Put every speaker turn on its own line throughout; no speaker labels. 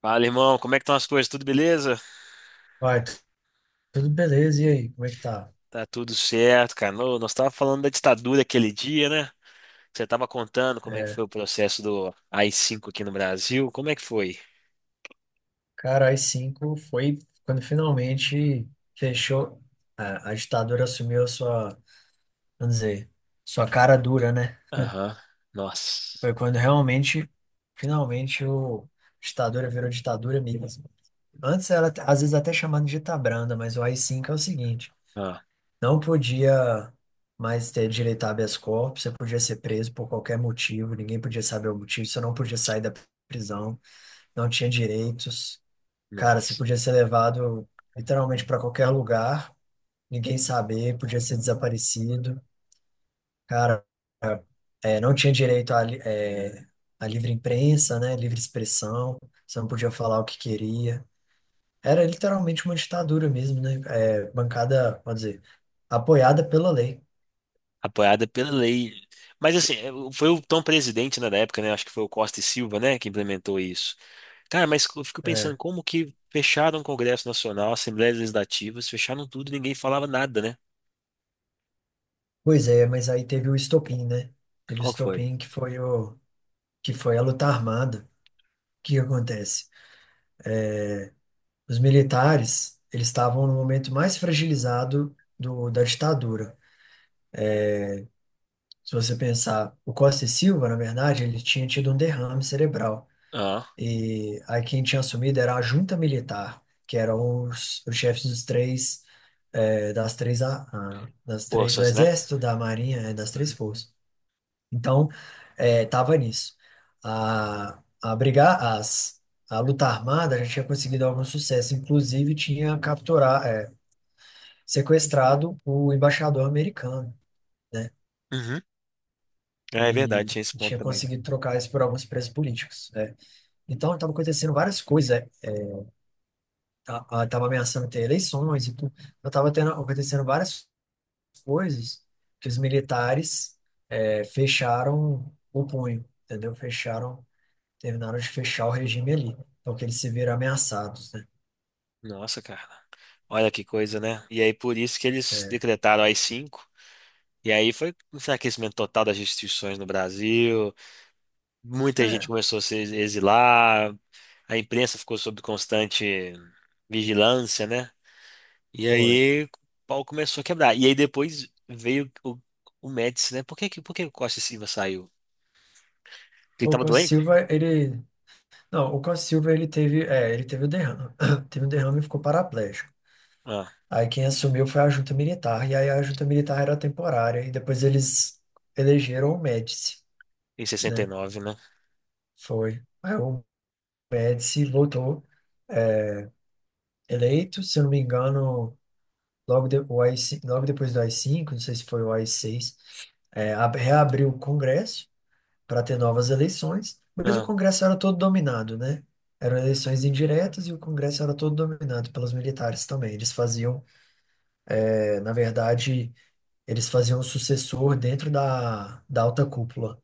Fala, irmão, como é que estão as coisas? Tudo beleza?
Vai, tudo beleza, e aí, como é que tá?
Tá tudo certo, cara. Ô, nós tava falando da ditadura aquele dia, né? Você tava contando como é que
É,
foi o processo do ai cinco aqui no Brasil. Como é que foi?
Cara, as 5 foi quando finalmente fechou, a ditadura assumiu a sua, vamos dizer, sua cara dura, né?
Aham. Nossa.
Foi quando realmente, finalmente, o a ditadura virou ditadura mesmo. Antes era, às vezes, até chamada de ditabranda, mas o AI-5 é o seguinte:
Ah,
não podia mais ter direito a habeas corpus, você podia ser preso por qualquer motivo, ninguém podia saber o motivo, você não podia sair da prisão, não tinha direitos. Cara, você
nossa.
podia ser levado literalmente para qualquer lugar, ninguém saber, podia ser desaparecido. Cara, não tinha direito à, à livre imprensa, né? Livre expressão, você não podia falar o que queria. Era literalmente uma ditadura mesmo, né? Bancada, pode dizer, apoiada pela lei.
Apoiada pela lei. Mas assim, foi o então presidente, né, da época, né? Acho que foi o Costa e Silva, né, que implementou isso. Cara, mas eu fico pensando
É.
como que fecharam o Congresso Nacional, Assembleias Legislativas, fecharam tudo, e ninguém falava nada, né?
Pois é, mas aí teve o estopim, né? Teve o
Qual que foi?
estopim que foi a luta armada. O que que acontece? Os militares, eles estavam no momento mais fragilizado da ditadura. Se você pensar, o Costa e Silva, na verdade, ele tinha tido um derrame cerebral.
Ah,
E aí quem tinha assumido era a junta militar, que eram os chefes dos três, das três, das três, do
forças, né?
exército, da marinha, das três forças. Então, estava nisso. A, a brigar, as, a luta armada já tinha conseguido algum sucesso, inclusive tinha capturar sequestrado o embaixador americano, né?
Uhum. Ah, é verdade,
E
tinha esse ponto
tinha
também.
conseguido trocar isso por alguns presos políticos, né? Então, estava acontecendo várias coisas, né? Estava ameaçando ter eleições e tudo. Então, estava acontecendo várias coisas que os militares fecharam o punho, entendeu? Terminaram de fechar o regime ali. Então, que eles se viram ameaçados, né?
Nossa, cara. Olha que coisa, né? E aí, por isso que eles
É,
decretaram as cinco. E aí foi um enfraquecimento total das instituições no Brasil. Muita gente
é,
começou a se exilar. A imprensa ficou sob constante vigilância, né? E
foi.
aí o pau começou a quebrar. E aí depois veio o Médici, né? Por que o Costa e Silva saiu? Ele
O
tava
Costa
doente?
Silva, ele... Não, o Costa Silva, ele teve o derrame. Teve um derrame e ficou paraplégico.
Ah,
Aí quem assumiu foi a junta militar, e aí a junta militar era temporária, e depois eles elegeram o Médici,
em sessenta e
né?
nove, né?
Foi. Aí o Médici voltou eleito, se eu não me engano, logo, o AI-5, logo depois do AI-5, não sei se foi o AI-6, reabriu o Congresso para ter novas eleições, mas o
Ah.
Congresso era todo dominado, né? Eram eleições indiretas e o Congresso era todo dominado pelos militares também. Na verdade, eles faziam um sucessor dentro da alta cúpula.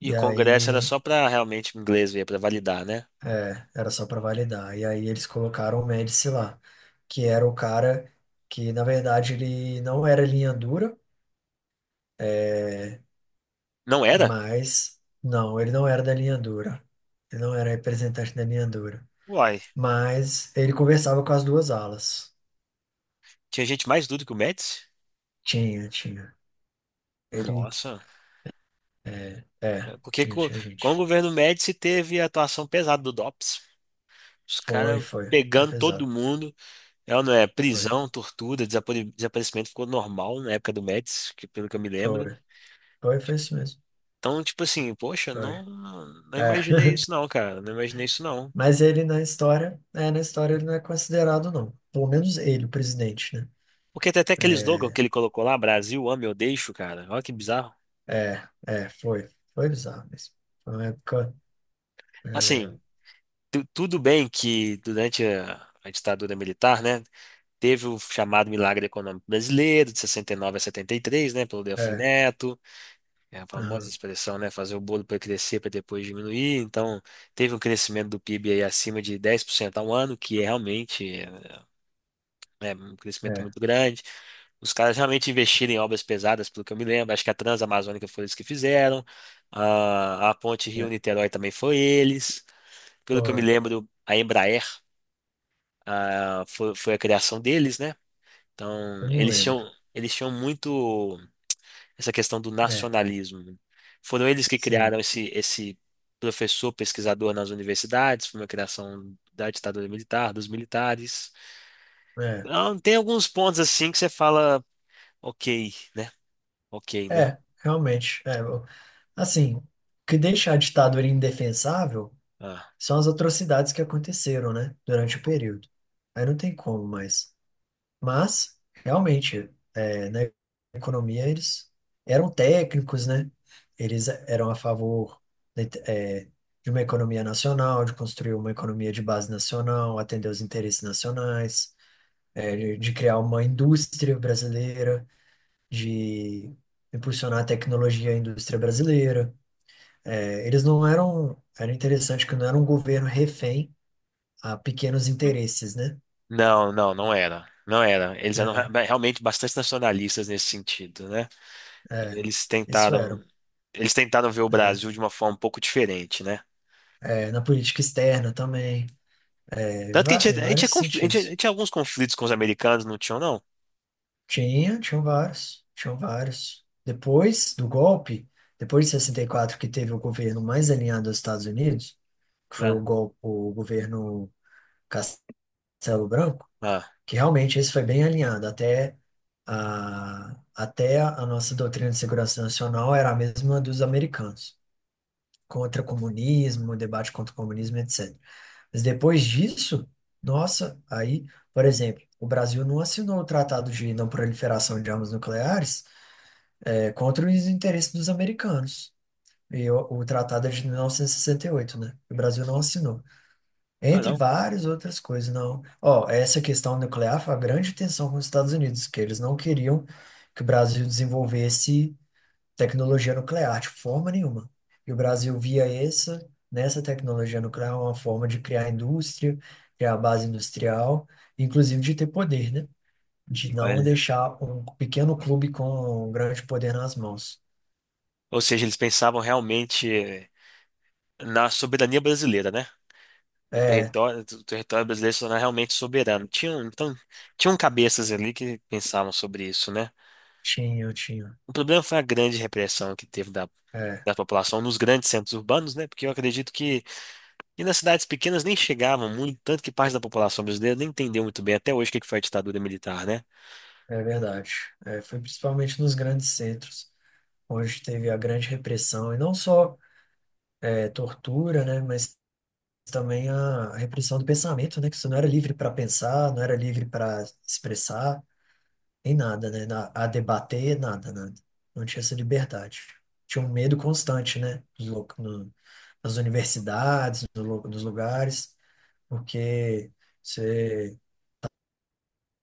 E
E
o Congresso era
aí
só pra realmente o inglês ver, pra validar, né?
era só para validar. E aí eles colocaram o Médici lá, que era o cara que, na verdade, ele não era linha dura,
Não era?
mas não, ele não era da linha dura. Ele não era representante da linha dura.
Uai,
Mas ele conversava com as duas alas.
tinha gente mais dura que o Médici?
Tinha, tinha. Ele,
Nossa, é porque co-
Tinha
com, o
gente.
governo Médici teve a atuação pesada do DOPS. Os
Foi,
caras
foi. Foi
pegando todo
pesado.
mundo. É, ou não é?
Foi,
Prisão, tortura, desaparecimento ficou normal na época do Médici, que, pelo que eu me lembro.
foi. Foi, foi isso mesmo.
Então, tipo assim, poxa,
Foi.
não, não
É.
imaginei isso não, cara. Não imaginei isso não.
Mas ele na história, é, na história ele não é considerado, não. Pelo menos ele, o presidente, né?
Porque tem até aquele slogan que
É,
ele colocou lá, Brasil, ame ou deixo, cara. Olha que bizarro.
é, é, foi. Foi bizarro mesmo. Foi uma época. É,
Assim, tudo bem que durante a ditadura militar, né? Teve o chamado Milagre Econômico Brasileiro, de 69 a 73, né, pelo Delfim
é,
Neto, é a famosa
aham,
expressão, né, fazer o bolo para crescer para depois diminuir. Então, teve um crescimento do PIB aí acima de 10% ao ano, que é realmente, né, um crescimento
é,
muito grande. Os caras realmente investiram em obras pesadas, pelo que eu me lembro. Acho que a Transamazônica foi eles que fizeram. A Ponte
é,
Rio-Niterói também foi eles. Pelo que eu me
foi.
lembro, a Embraer, ah, foi, foi a criação deles, né? Então,
Eu não lembro.
eles tinham muito essa questão do
É,
nacionalismo, né? Foram eles que
sim.
criaram esse professor pesquisador nas universidades, foi uma criação da ditadura militar, dos militares.
É,
Então, tem alguns pontos assim que você fala, ok, né? Ok, né?
é, realmente. É, assim, o que deixa a ditadura indefensável
Ah,
são as atrocidades que aconteceram, né? Durante o período. Aí não tem como mais. Mas, realmente, na economia eles eram técnicos, né? Eles eram a favor da inte- é, de uma economia nacional, de construir uma economia de base nacional, atender os interesses nacionais, de criar uma indústria brasileira, de impulsionar a tecnologia e a indústria brasileira. É, eles não eram. Era interessante que não era um governo refém a pequenos
hum.
interesses, né?
Não, não, não era. Não era. Eles eram realmente bastante nacionalistas nesse sentido, né?
É, é,
Eles
isso eram.
tentaram, eles tentaram ver o
É.
Brasil de uma forma um pouco diferente, né?
É, na política externa também, é, em
Tanto que
va- em
tinha
vários
a gente
sentidos.
tinha alguns conflitos com os americanos, não tinham, não?
Tinham vários. Depois do golpe, depois de 64 que teve o governo mais alinhado aos Estados Unidos, que foi o,
Não.
gol, o governo Castelo Branco,
Ah,
que realmente esse foi bem alinhado. Até a nossa doutrina de segurança nacional era a mesma dos americanos, contra comunismo, debate contra o comunismo, etc. Mas depois disso, nossa, aí, por exemplo, o Brasil não assinou o Tratado de Não Proliferação de Armas Nucleares, contra os interesses dos americanos. E o tratado é de 1968, né? O Brasil não assinou.
ah,
Entre
não.
várias outras coisas, não. Ó, essa questão nuclear foi a grande tensão com os Estados Unidos, que eles não queriam que o Brasil desenvolvesse tecnologia nuclear, de forma nenhuma. E o Brasil via nessa tecnologia nuclear, é uma forma de criar indústria, criar base industrial, inclusive de ter poder, né? De não
Olha.
deixar um pequeno clube com um grande poder nas mãos.
Ou seja, eles pensavam realmente na soberania brasileira, né? No
É,
território, o território brasileiro se tornar realmente soberano. Tinham, então, tinham cabeças ali que pensavam sobre isso, né?
tinha, tinha.
O problema foi a grande repressão que teve da,
É,
da população nos grandes centros urbanos, né? Porque eu acredito que e nas cidades pequenas nem chegavam muito, tanto que parte da população brasileira nem entendeu muito bem até hoje o que que foi a ditadura militar, né?
é verdade. É, foi principalmente nos grandes centros, onde teve a grande repressão, e não só tortura, né? Mas também a repressão do pensamento, né? Que você não era livre para pensar, não era livre para expressar, nem nada, né? A debater, nada, nada. Não tinha essa liberdade. Tinha um medo constante, né? Nos lo- no- Nas universidades, no lu- nos lugares, porque você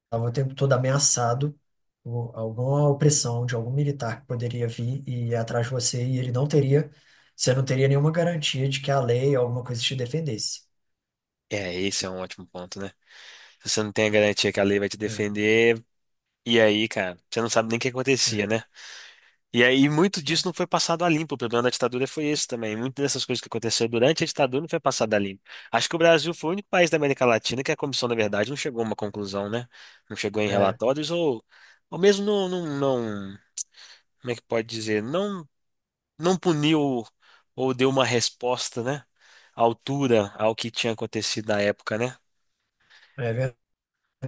estava o tempo todo ameaçado por alguma opressão de algum militar que poderia vir e ir atrás de você e ele não teria, você não teria nenhuma garantia de que a lei ou alguma coisa te defendesse.
É, esse é um ótimo ponto, né? Se você não tem a garantia que a lei vai te
É,
defender. E aí, cara, você não sabe nem o que
é,
acontecia, né? E aí, muito disso não foi passado a limpo. O problema da ditadura foi esse também. Muitas dessas coisas que aconteceram durante a ditadura não foi passado a limpo. Acho que o Brasil foi o único país da América Latina que a comissão, na verdade, não chegou a uma conclusão, né? Não chegou em
é.
relatórios ou mesmo como é que pode dizer? Não, não puniu ou deu uma resposta, né? À altura ao que tinha acontecido na época, né?
É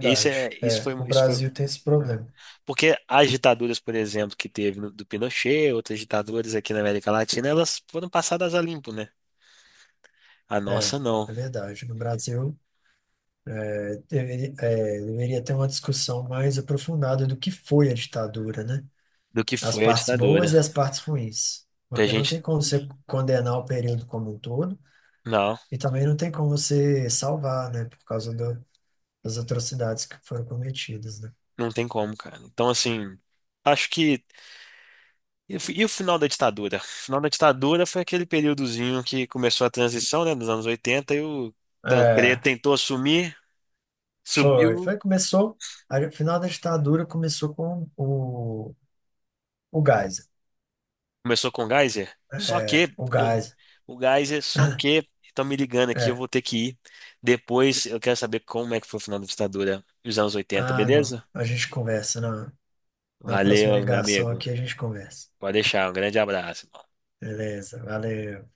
É, o
Isso foi.
Brasil tem esse
Ah.
problema.
Porque as ditaduras, por exemplo, que teve do Pinochet, outras ditaduras aqui na América Latina, elas foram passadas a limpo, né? A
É,
nossa não.
é verdade. No Brasil, deveria ter uma discussão mais aprofundada do que foi a ditadura, né?
Do que
As
foi a
partes boas e
ditadura.
as partes ruins.
Que a
Porque não tem
gente.
como você condenar o período como um todo
Não,
e também não tem como você salvar, né? Por causa das atrocidades que foram cometidas, né?
não tem como, cara. Então, assim, acho que. E o e o final da ditadura? O final da ditadura foi aquele períodozinho que começou a transição, né, dos anos 80, e o Tancredo
É,
tentou assumir,
foi.
subiu.
Foi, começou. O final da ditadura começou com o Geisel.
Começou com o Geyser? Só
É,
que,
o
eu-
Geisel.
o Geyser, só que, estão me ligando aqui, eu
É.
vou ter que ir. Depois eu quero saber como é que foi o final da ditadura nos anos 80,
Ah, não.
beleza?
A gente conversa na próxima
Valeu, meu
ligação
amigo.
aqui, a gente conversa.
Pode deixar, um grande abraço.
Beleza, valeu.